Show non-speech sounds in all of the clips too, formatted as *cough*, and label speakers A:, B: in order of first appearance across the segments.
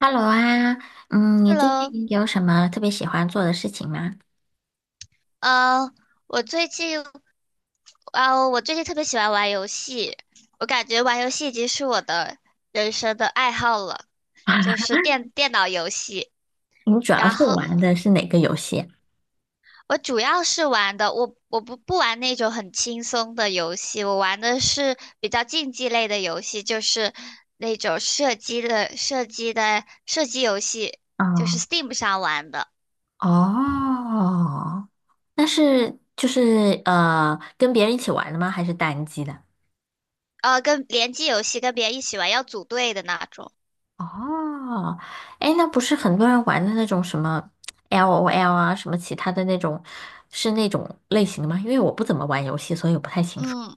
A: Hello 啊，你最
B: Hello，
A: 近有什么特别喜欢做的事情吗？
B: 呃，我最近我最近特别喜欢玩游戏，我感觉玩游戏已经是我的人生的爱好了，就是
A: *laughs*
B: 电脑游戏。
A: 你主要
B: 然
A: 是
B: 后
A: 玩的是哪个游戏
B: 我主要是玩的，我不玩那种很轻松的游戏，我玩的是比较竞技类的游戏，就是那种射击游戏，就是
A: 啊？
B: Steam 上玩的。
A: 哦，哦，那是跟别人一起玩的吗？还是单机的？
B: 跟联机游戏跟别人一起玩要组队的那种。
A: 哦，哎，那不是很多人玩的那种什么 LOL 啊，什么其他的那种，是那种类型的吗？因为我不怎么玩游戏，所以我不太清楚。
B: 嗯。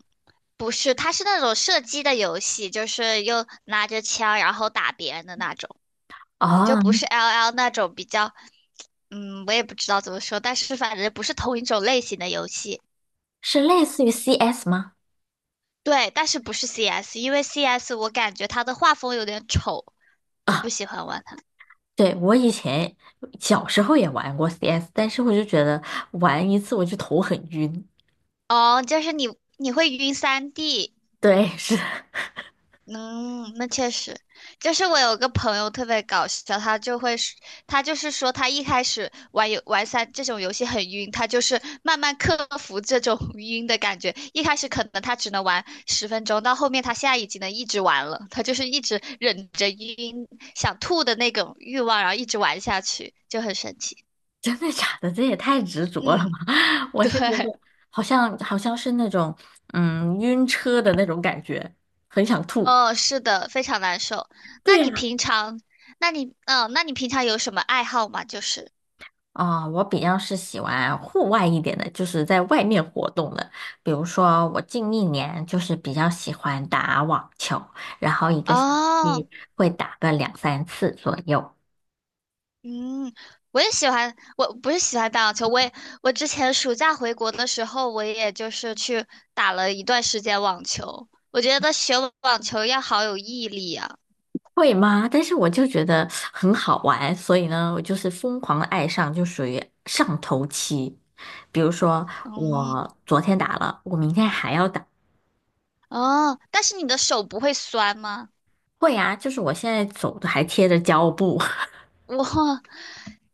B: 不是，它是那种射击的游戏，就是又拿着枪然后打别人的那种，就不
A: 哦，
B: 是 LL 那种比较，嗯，我也不知道怎么说，但是反正不是同一种类型的游戏。
A: 是类似于 CS 吗？
B: 对，但是不是 CS,因为 CS 我感觉它的画风有点丑，
A: *laughs*
B: 就不
A: 啊。
B: 喜欢玩它。
A: 对，我以前小时候也玩过 CS，但是我就觉得玩一次我就头很晕。
B: 哦，就是你会晕三 D,
A: 对，是
B: 嗯，那确实，就是我有个朋友特别搞笑，他就是说他一开始玩三这种游戏很晕，他就是慢慢克服这种 *laughs* 晕的感觉。一开始可能他只能玩10分钟，到后面他现在已经能一直玩了，他就是一直忍着晕想吐的那种欲望，然后一直玩下去，就很神奇。
A: *laughs* 真的假的？这也太执着了
B: 嗯，
A: 嘛！*laughs* 我
B: 对，
A: 是觉得好像是那种晕车的那种感觉，很想吐。
B: 哦，是的，非常难受。
A: 对
B: 那你
A: 呀。
B: 平常，那你，嗯，那你平常有什么爱好吗？就是。
A: 啊，我比较是喜欢户外一点的，就是在外面活动的。比如说，我近一年就是比较喜欢打网球，然后一个星
B: 哦，
A: 期会打个两三次左右。
B: 嗯，我也喜欢，我不是喜欢打网球，我也我之前暑假回国的时候，我也就是去打了一段时间网球。我觉得学网球要好有毅力啊。
A: 会吗？但是我就觉得很好玩，所以呢，我就是疯狂的爱上，就属于上头期。比如说，
B: 嗯，
A: 我昨天打了，我明天还要打。
B: 哦，但是你的手不会酸吗？
A: 会啊，就是我现在走的还贴着胶布，
B: 我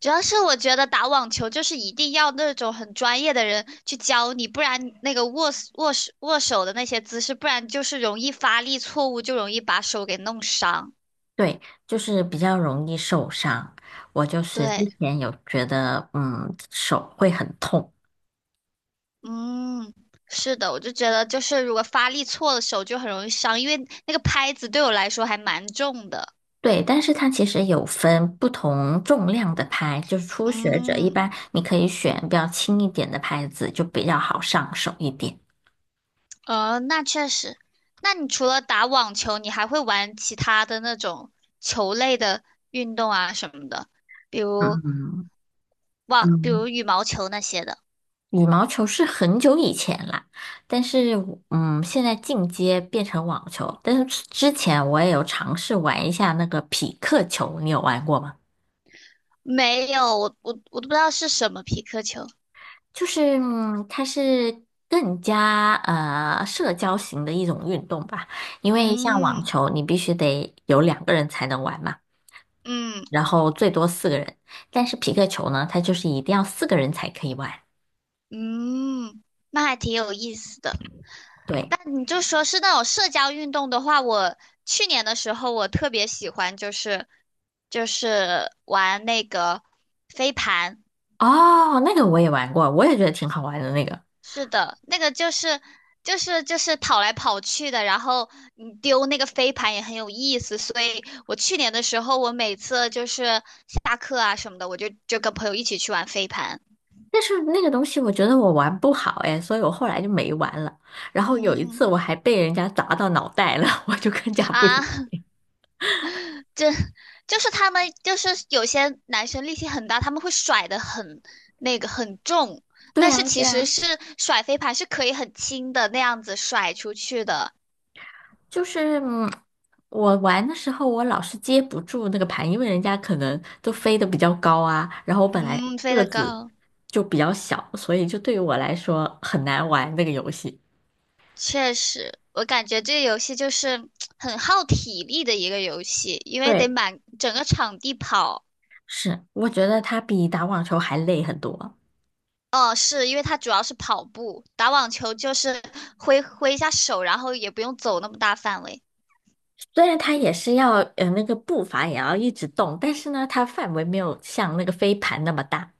B: 主要是我觉得打网球就是一定要那种很专业的人去教你，不然那个握手的那些姿势，不然就是容易发力错误，就容易把手给弄伤。
A: *laughs* 对，就是比较容易受伤。我就是
B: 对。
A: 之前有觉得，手会很痛。
B: 嗯，是的，我就觉得就是如果发力错了，手就很容易伤，因为那个拍子对我来说还蛮重的。
A: 对，但是它其实有分不同重量的拍，就是初学者一
B: 嗯，
A: 般你可以选比较轻一点的拍子，就比较好上手一点。
B: 呃，那确实。那你除了打网球，你还会玩其他的那种球类的运动啊什么的，比如
A: 嗯
B: 比
A: 嗯，
B: 如羽毛球那些的。
A: 羽毛球是很久以前啦，但是我现在进阶变成网球，但是之前我也有尝试玩一下那个匹克球，你有玩过吗？
B: 没有，我都不知道是什么皮克球。
A: 它是更加社交型的一种运动吧，因为像网
B: 嗯
A: 球你必须得有两个人才能玩嘛，
B: 嗯
A: 然后最多四个人，但是匹克球呢，它就是一定要四个人才可以玩。
B: 嗯，那还挺有意思的。
A: 对，
B: 那你就说是那种社交运动的话，我去年的时候我特别喜欢，就是玩那个飞盘。
A: 哦，那个我也玩过，我也觉得挺好玩的那个。
B: 是的，那个就是跑来跑去的，然后你丢那个飞盘也很有意思。所以我去年的时候，我每次就是下课啊什么的，我就跟朋友一起去玩飞盘。
A: 但是那个东西我觉得我玩不好哎，所以我后来就没玩了。然后有一次
B: 嗯
A: 我还被人家砸到脑袋了，*laughs* 我就更加不想。
B: 啊，*laughs* 这就是他们，就是有些男生力气很大，他们会甩的很那个很重，
A: 对
B: 但是
A: 啊，
B: 其
A: 对
B: 实
A: 啊，
B: 是甩飞盘是可以很轻的那样子甩出去的，
A: 就是嗯，我玩的时候我老是接不住那个盘，因为人家可能都飞得比较高啊，然后我本来
B: 嗯，飞
A: 个
B: 得
A: 子
B: 高，
A: 就比较小，所以就对于我来说很难玩那个游戏。
B: 确实，我感觉这个游戏就是很耗体力的一个游戏，因为得
A: 对，
B: 满整个场地跑。
A: 是，我觉得它比打网球还累很多。
B: 哦，是因为它主要是跑步，打网球就是挥一下手，然后也不用走那么大范围。
A: 虽然它也是要那个步伐也要一直动，但是呢，它范围没有像那个飞盘那么大。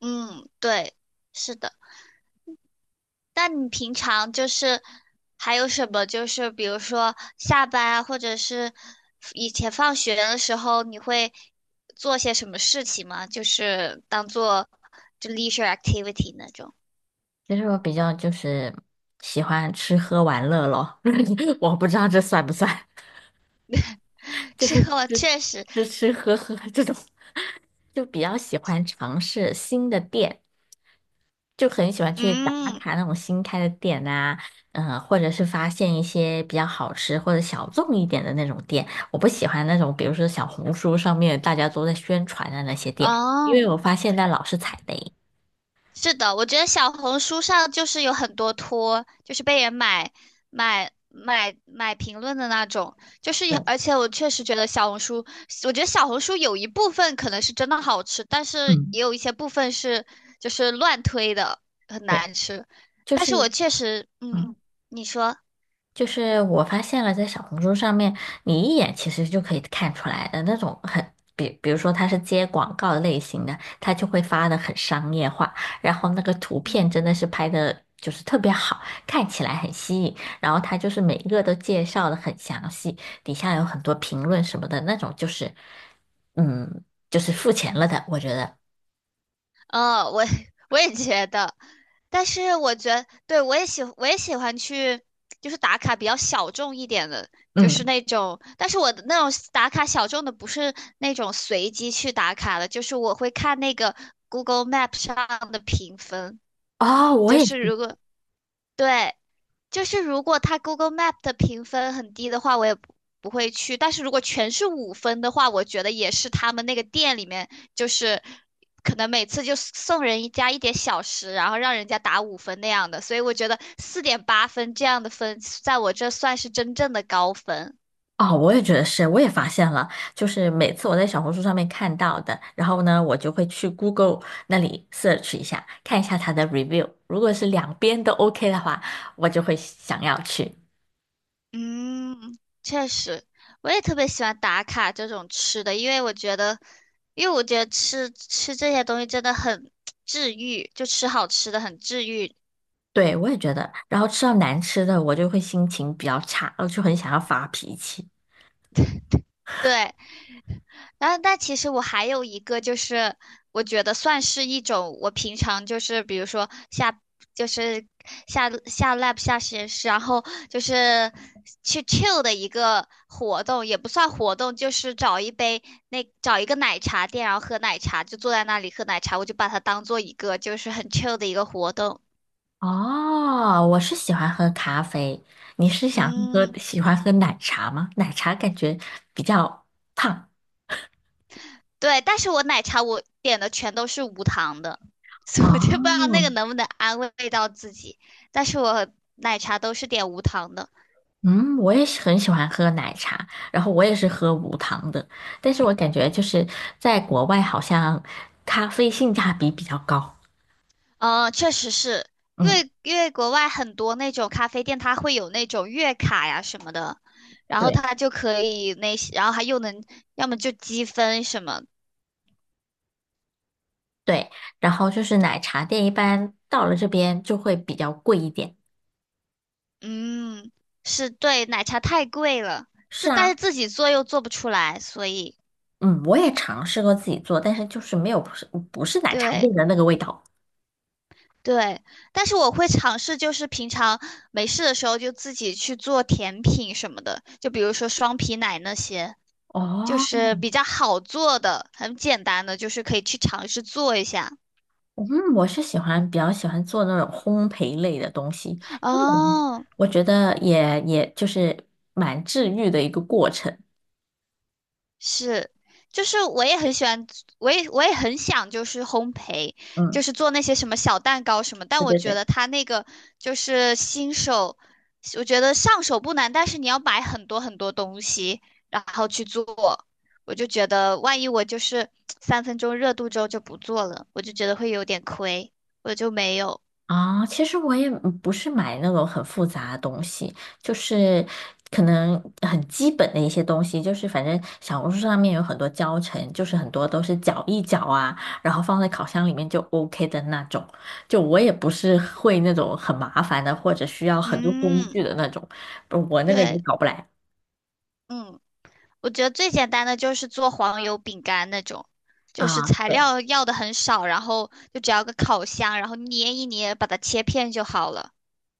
B: 嗯，对，是的。那你平常就是还有什么？就是比如说下班啊，或者是以前放学的时候，你会做些什么事情吗？就是当做就 leisure activity 那种。
A: 我比较喜欢吃喝玩乐咯，*laughs* 我不知道这算不算，*laughs*
B: *laughs*
A: 就
B: 这
A: 是
B: 个我
A: 吃
B: 确实，
A: 吃吃喝喝这种，*laughs* 就比较喜欢尝试新的店。就很喜欢去打
B: 嗯，
A: 卡那种新开的店呐，嗯，或者是发现一些比较好吃或者小众一点的那种店。我不喜欢那种，比如说小红书上面大家都在宣传的那些店，因为
B: 哦。
A: 我发现那老是踩雷。
B: 是的，我觉得小红书上就是有很多托，就是被人买买评论的那种，就是也
A: 对，
B: 而且我确实觉得小红书，我觉得小红书有一部分可能是真的好吃，但是
A: 嗯，
B: 也有一些部分是就是乱推的，很
A: 对，
B: 难吃。
A: 就
B: 但
A: 是
B: 是我确实，嗯，
A: 嗯。
B: 你说，
A: 就是我发现了，在小红书上面，你一眼其实就可以看出来的那种很，比如说他是接广告类型的，他就会发的很商业化，然后那个图片真
B: 嗯。
A: 的是拍的就是特别好，看起来很吸引，然后他就是每一个都介绍的很详细，底下有很多评论什么的那种，就是，嗯，就是付钱了的，我觉得，
B: 嗯，我 *laughs* 我也觉得，但是我觉得，对，我也喜欢去，就是打卡比较小众一点的，就是
A: 嗯，
B: 那种，但是我的那种打卡小众的不是那种随机去打卡的，就是我会看那个 Google Map 上的评分，
A: 哦，
B: 就是如果对，就是如果它 Google Map 的评分很低的话，我也不不会去。但是如果全是五分的话，我觉得也是他们那个店里面，就是可能每次就送人一家一点小食，然后让人家打五分那样的。所以我觉得4.8分这样的分，在我这算是真正的高分。
A: 哦，我也觉得是，我也发现了，就是每次我在小红书上面看到的，然后呢，我就会去 Google 那里 search 一下，看一下它的 review，如果是两边都 OK 的话，我就会想要去。
B: 嗯，确实，我也特别喜欢打卡这种吃的，因为我觉得吃这些东西真的很治愈，就吃好吃的很治愈。
A: 对，我也觉得，然后吃到难吃的，我就会心情比较差，我就很想要发脾气。
B: 对，然后，但其实我还有一个，就是我觉得算是一种我平常就是比如说就是下 lab 下实验室，然后就是去 chill 的一个活动，也不算活动，就是找一个奶茶店，然后喝奶茶，就坐在那里喝奶茶，我就把它当做一个就是很 chill 的一个活动。
A: 哦，我是喜欢喝咖啡，你是
B: 嗯。
A: 喜欢喝奶茶吗？奶茶感觉比较胖。
B: 对，但是我奶茶我点的全都是无糖的，*laughs* 所以我就不
A: 哦，
B: 知道那个能不能安慰到自己。但是我奶茶都是点无糖的，
A: 嗯，我也是很喜欢喝奶茶，然后我也是喝无糖的，但是我感觉就是在国外好像咖啡性价比比较高。
B: 嗯，确实是因
A: 嗯，
B: 为因为国外很多那种咖啡店，它会有那种月卡呀什么的，然后
A: 对
B: 它就可以那些，然后还又能要么就积分什么，
A: 对，然后就是奶茶店一般到了这边就会比较贵一点。
B: 嗯，是对，奶茶太贵了，
A: 是
B: 但是
A: 啊，
B: 自己做又做不出来，所以
A: 嗯，我也尝试过自己做，但是就是没有不是奶茶
B: 对。
A: 店的那个味道。
B: 对，但是我会尝试，就是平常没事的时候就自己去做甜品什么的，就比如说双皮奶那些，就
A: 哦，
B: 是比较好做的、很简单的，就是可以去尝试做一下。
A: 嗯，我是喜欢比较喜欢做那种烘焙类的东西，嗯
B: 哦，
A: 我觉得也就是蛮治愈的一个过程。
B: 是，就是我也很喜欢，我也很想就是烘焙，
A: 嗯，
B: 就是做那些什么小蛋糕什么，但
A: 对
B: 我
A: 对
B: 觉
A: 对，
B: 得他那个就是新手，我觉得上手不难，但是你要买很多很多东西，然后去做，我就觉得万一我就是3分钟热度之后就不做了，我就觉得会有点亏，我就没有，
A: 啊，其实我也不是买那种很复杂的东西，就是可能很基本的一些东西，就是反正小红书上面有很多教程，就是很多都是搅一搅啊，然后放在烤箱里面就 OK 的那种。就我也不是会那种很麻烦的，或者需要很多工
B: 嗯，
A: 具的那种，我那个也
B: 对，
A: 搞不来
B: 嗯。我觉得最简单的就是做黄油饼干那种，就是
A: 啊。
B: 材
A: 对。
B: 料要的很少，然后就只要个烤箱，然后捏一捏，把它切片就好了。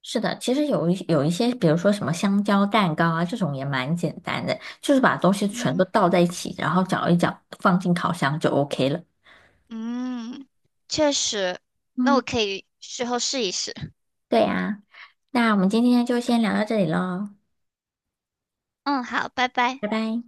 A: 是的，其实有一些，比如说什么香蕉蛋糕啊，这种也蛮简单的，就是把东西全
B: 嗯
A: 都倒在一起，然后搅一搅，放进烤箱就 OK 了。
B: 嗯，确实，那
A: 嗯，
B: 我可以事后试一试。
A: 对呀，那我们今天就先聊到这里喽，
B: 嗯，好，拜拜。
A: 拜拜。